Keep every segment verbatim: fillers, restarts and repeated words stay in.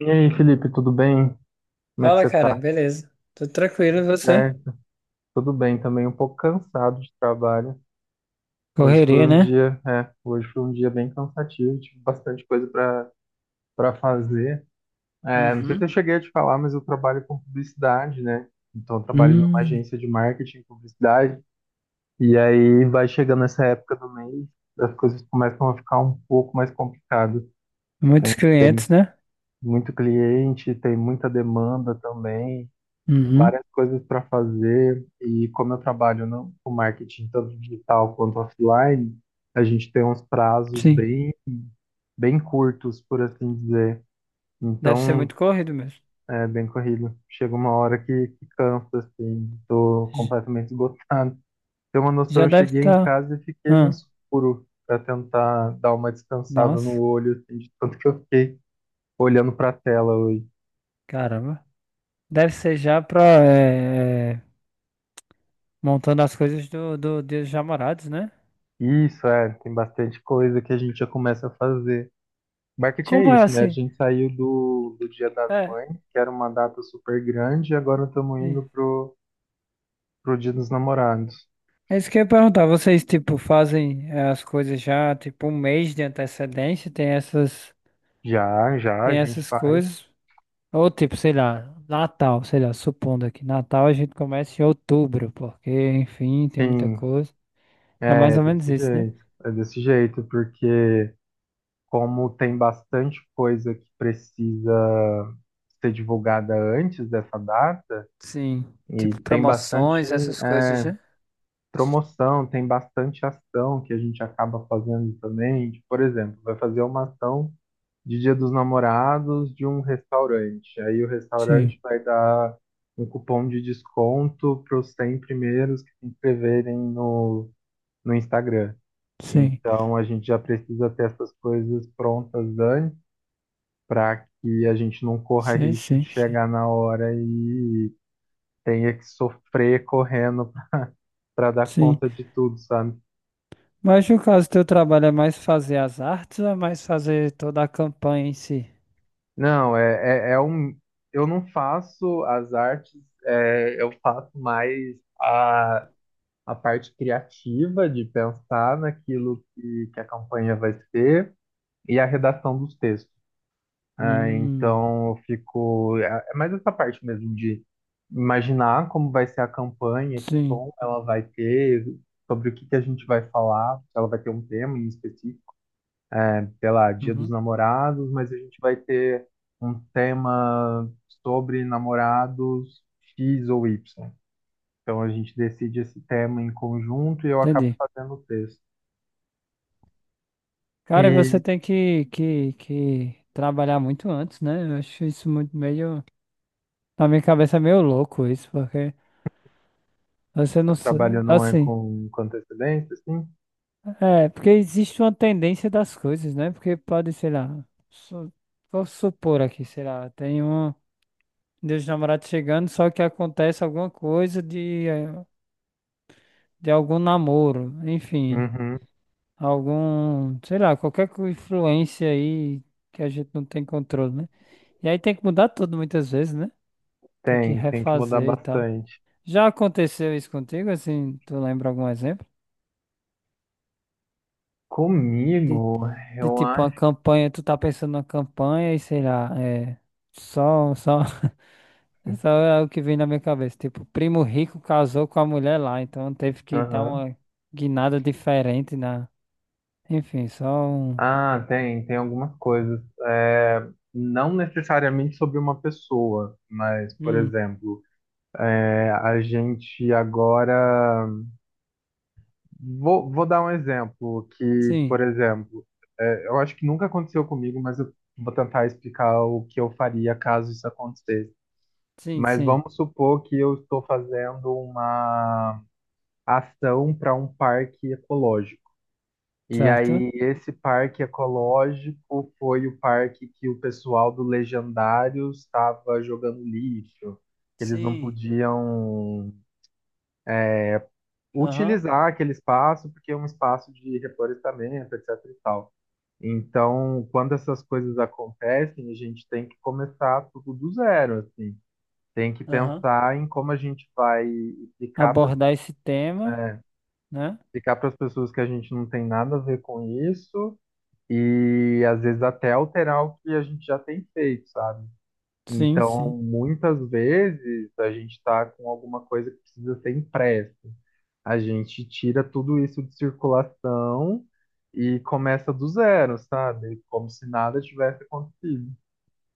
E aí, Felipe, tudo bem? Como é que Fala, você cara, tá? beleza. Tudo tranquilo, e você? Certo? Tudo bem também, um pouco cansado de trabalho. Hoje Correria, foi um né? dia, é, hoje foi um dia bem cansativo, tive bastante coisa para para fazer. É, não sei se eu Uhum. cheguei a te falar, mas eu trabalho com publicidade, né? Então, eu trabalho numa Hum, agência de marketing e publicidade. E aí vai chegando essa época do mês, as coisas começam a ficar um pouco mais complicadas. muitos Tem clientes, né? muito cliente, tem muita demanda também. Uhum, Várias coisas para fazer e como eu trabalho no, com marketing tanto digital quanto offline, a gente tem uns prazos sim. bem bem curtos, por assim dizer. Deve ser Então, muito corrido mesmo. é bem corrido. Chega uma hora que, que cansa, assim, tô J- completamente esgotado. Tem uma noção, Já eu deve cheguei em estar. casa e fiquei no Ah, escuro para tentar dar uma descansada no nossa, olho, assim, de tanto que eu fiquei olhando para a tela hoje. caramba. Deve ser já pra. É, é, montando as coisas do, do Dia dos Namorados, né? Isso, é, tem bastante coisa que a gente já começa a fazer. Marketing é Como é isso, né? A assim? gente saiu do, do Dia das É, Mães, que era uma data super grande, e agora estamos sim. indo pro, pro Dia dos Namorados. É isso que eu ia perguntar. Vocês, tipo, fazem é, as coisas já, tipo, um mês de antecedência? Tem essas, Já, já, a tem gente essas faz. coisas? Ou tipo, sei lá, Natal, sei lá, supondo aqui, Natal a gente começa em outubro, porque, enfim, tem muita Sim, coisa. É mais é ou menos desse isso, né? jeito. É desse jeito, porque como tem bastante coisa que precisa ser divulgada antes dessa data, Sim, e tipo tem bastante, promoções, essas coisas, é, né? promoção, tem bastante ação que a gente acaba fazendo também. Tipo, por exemplo, vai fazer uma ação de Dia dos Namorados de um restaurante. Aí o Sim, restaurante vai dar um cupom de desconto para os cem primeiros que se inscreverem no, no Instagram. sim, Então a gente já precisa ter essas coisas prontas antes para que a gente não corra sim, risco de sim, sim. chegar na hora e tenha que sofrer correndo para dar Sim. conta de tudo, sabe? Mas no caso, teu trabalho é mais fazer as artes ou é mais fazer toda a campanha em si? Não, é, é, é um. Eu não faço as artes, é, eu faço mais a a parte criativa de pensar naquilo que, que a campanha vai ser e a redação dos textos. Ah, Hum, então, eu fico. É é mais essa parte mesmo de imaginar como vai ser a campanha, que sim, tom ela vai ter, sobre o que que a gente vai falar, se ela vai ter um tema em específico, né? Sei lá, Dia dos Uhum. Namorados, mas a gente vai ter um tema sobre namorados X ou Y. Então, a gente decide esse tema em conjunto e eu acabo Entendi. fazendo o texto. Cara, e você E tem que, que, que trabalhar muito antes, né? Eu acho isso muito meio. Na minha cabeça é meio louco isso, porque você não. sa- trabalho não é Assim, com, com antecedência, assim? é, porque existe uma tendência das coisas, né? Porque pode, sei lá, su- vou supor aqui, sei lá, tem um Dia dos Namorados chegando, só que acontece alguma coisa de, eh, de algum namoro, enfim, Uhum. algum, sei lá, qualquer co- influência aí que a gente não tem controle, né? E aí tem que mudar tudo muitas vezes, né? Tem que Tem, tem que mudar refazer e tal. bastante. Já aconteceu isso contigo, assim, tu lembra algum exemplo? De, Comigo, de eu tipo uma acho. campanha, tu tá pensando numa campanha e sei lá, é. Só, só, só é o que vem na minha cabeça. Tipo, Primo Rico casou com a mulher lá, então teve que dar Aham. uma guinada diferente na. Enfim, só um. Ah, tem, tem algumas coisas. É, não necessariamente sobre uma pessoa, mas, por Hum, exemplo, é, a gente agora. Vou, vou dar um exemplo que, sim, por exemplo, é, eu acho que nunca aconteceu comigo, mas eu vou tentar explicar o que eu faria caso isso acontecesse. sim, Mas sim. vamos supor que eu estou fazendo uma ação para um parque ecológico. E Certo? aí, esse parque ecológico foi o parque que o pessoal do Legendário estava jogando lixo. Eles não Sim. podiam Aham, utilizar aquele espaço porque é um espaço de reflorestamento, etc e tal. Então, quando essas coisas acontecem, a gente tem que começar tudo do zero, assim. Tem que aham. pensar em como a gente vai explicar Abordar esse tema, né? explicar para as pessoas que a gente não tem nada a ver com isso e às vezes até alterar o que a gente já tem feito, sabe? Sim, sim. Então, muitas vezes a gente está com alguma coisa que precisa ser impressa. A gente tira tudo isso de circulação e começa do zero, sabe? Como se nada tivesse acontecido.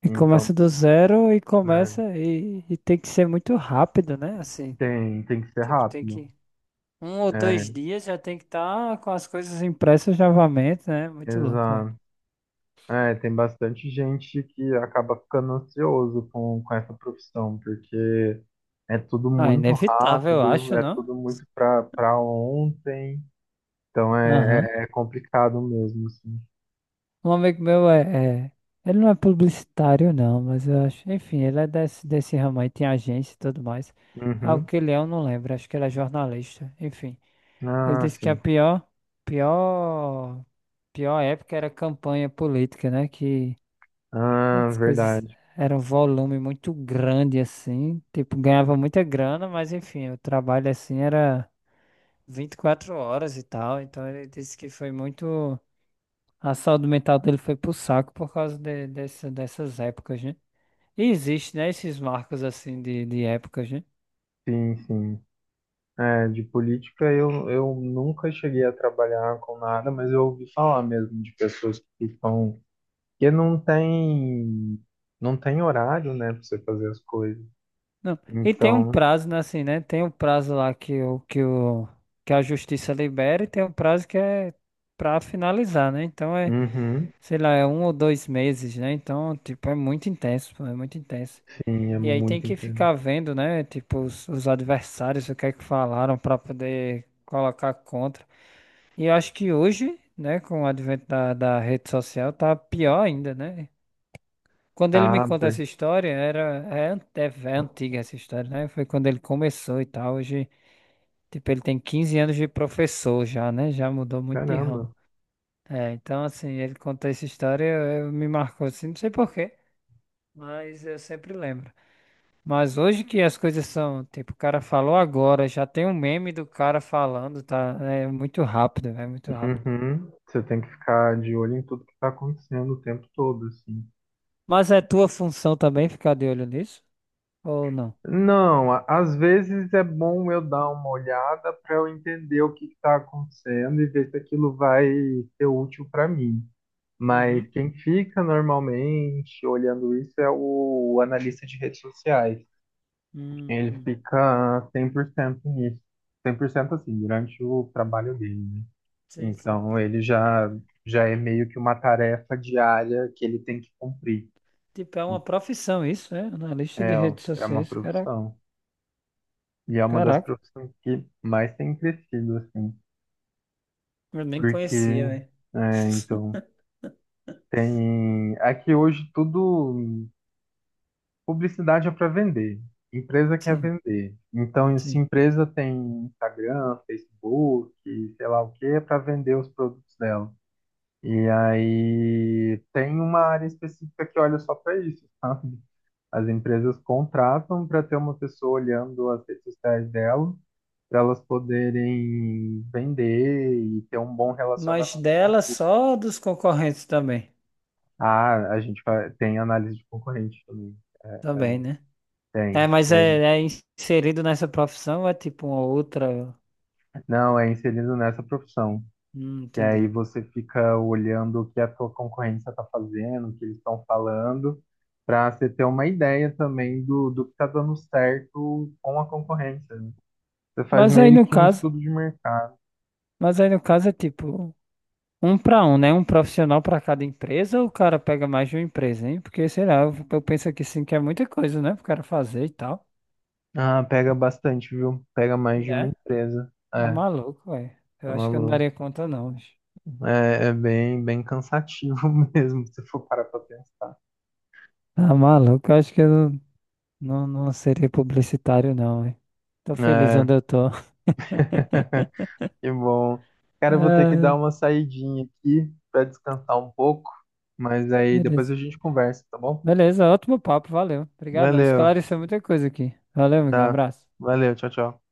E Então, começa do zero e né, começa e, e tem que ser muito rápido, né? Assim, tem, tem que ser tipo, tem rápido. que. Um ou dois É, dias já tem que estar com as coisas impressas novamente, né? Muito louco, velho. exato. É, tem bastante gente que acaba ficando ansioso com, com essa profissão, porque é tudo Ah, muito inevitável, eu rápido, acho, é não? tudo muito pra, pra ontem, então é, Aham. é, é complicado mesmo, assim. Um amigo meu é, é- ele não é publicitário, não, mas eu acho. Enfim, ele é desse, desse ramo aí, tem agência e tudo mais. Ah, o Uhum. que ele é, eu não lembro. Acho que ele é jornalista. Enfim. Ele Ah, disse que a sim. pior, pior, pior época era campanha política, né? Que Ah, as coisas verdade. eram um volume muito grande assim, tipo, ganhava muita grana, mas enfim, o trabalho assim era vinte e quatro horas e tal, então ele disse que foi muito, a saúde mental dele foi pro saco por causa de- dessa- dessas épocas, né? E existe, né, esses marcos assim de, de épocas, né? Sim, sim. É, de política eu, eu nunca cheguei a trabalhar com nada, mas eu ouvi falar mesmo de pessoas que estão que não tem, não tem horário, né, para você fazer as coisas. Não. E tem um Então, prazo, né, assim, né? Tem um prazo lá que o que o que a justiça libera e tem um prazo que é pra finalizar, né? Então é uhum, sei lá, é um ou dois meses, né? Então, tipo, é muito intenso, pô, é muito intenso. sim, é E aí tem muito que interessante. ficar vendo, né? Tipo, os, os adversários, o que é que falaram pra poder colocar contra. E eu acho que hoje, né, com o advento da, da rede social, tá pior ainda, né? Quando ele me Tá, conta per- essa história, era, é, an- é ve- é antiga essa história, né? Foi quando ele começou e tal. Hoje, tipo, ele tem quinze anos de professor já, né? Já mudou muito de ramo. Caramba. É, então assim, ele contou essa história, eu, eu- me marcou assim, não sei porquê. Mas eu sempre lembro. Mas hoje que as coisas são, tipo, o cara falou agora, já tem um meme do cara falando, tá? É muito rápido, é muito rápido. Uhum, você tem que ficar de olho em tudo que está acontecendo o tempo todo, assim. Mas é tua função também ficar de olho nisso? Ou não? Não, a- às vezes é bom eu dar uma olhada para eu entender o que está acontecendo e ver se aquilo vai ser útil para mim. Mas Uhum. quem fica normalmente olhando isso é o analista de redes sociais. Hum, Ele hum. fica cem por cento nisso. Cem por cento assim, durante o trabalho dele. Né? Sim, sim. Então ele já já é meio que uma tarefa diária que ele tem que cumprir. Tipo, é uma profissão isso, né? Analista de É, ó, redes é uma sociais, cara, profissão. E é uma das caraca. profissões que mais tem crescido, assim. Eu nem Porque, conhecia, né? é, então, tem. Aqui hoje tudo. Publicidade é para vender. Empresa quer Sim, vender. Então, se sim. empresa tem Instagram, Facebook, sei lá o que, é para vender os produtos dela. E aí tem uma área específica que olha só para isso, sabe? As empresas contratam para ter uma pessoa olhando as redes sociais dela, para elas poderem vender e ter um bom relacionamento Mas com o dela público. só dos concorrentes também. Ah, a gente fa- tem análise de concorrente também. É, Também, né? É, tem, mas é, tem. é inserido nessa profissão ou é tipo uma outra? Não, é inserido nessa profissão. Hum, E aí entendi. você fica olhando o que a tua concorrência está fazendo, o que eles estão falando, para você ter uma ideia também do, do que está dando certo com a concorrência. Né? Você faz Mas aí meio no que um caso, estudo de mercado. mas aí no caso é tipo um para um, né? Um profissional para cada empresa ou o cara pega mais de uma empresa, hein? Porque sei lá, eu, eu penso aqui sim que é muita coisa, né? Pro cara fazer e tal. Ah, pega bastante, viu? Pega mais E de é? uma empresa. Tá É, maluco, velho. Eu tá acho que eu não maluco. daria conta, não. Bicho. É, é bem, bem cansativo mesmo, se for parar pra pensar. Tá maluco, eu acho que eu não, não, não seria publicitário, não, velho. Tô feliz É, onde eu tô. que bom. Cara, eu vou ter que dar uma saidinha aqui pra descansar um pouco, mas Ah, aí depois beleza. a gente conversa, tá bom? Beleza, ótimo papo, valeu. Obrigadão, Valeu, esclareceu muita coisa aqui. Valeu, amigo, um tá. abraço. Valeu, tchau, tchau.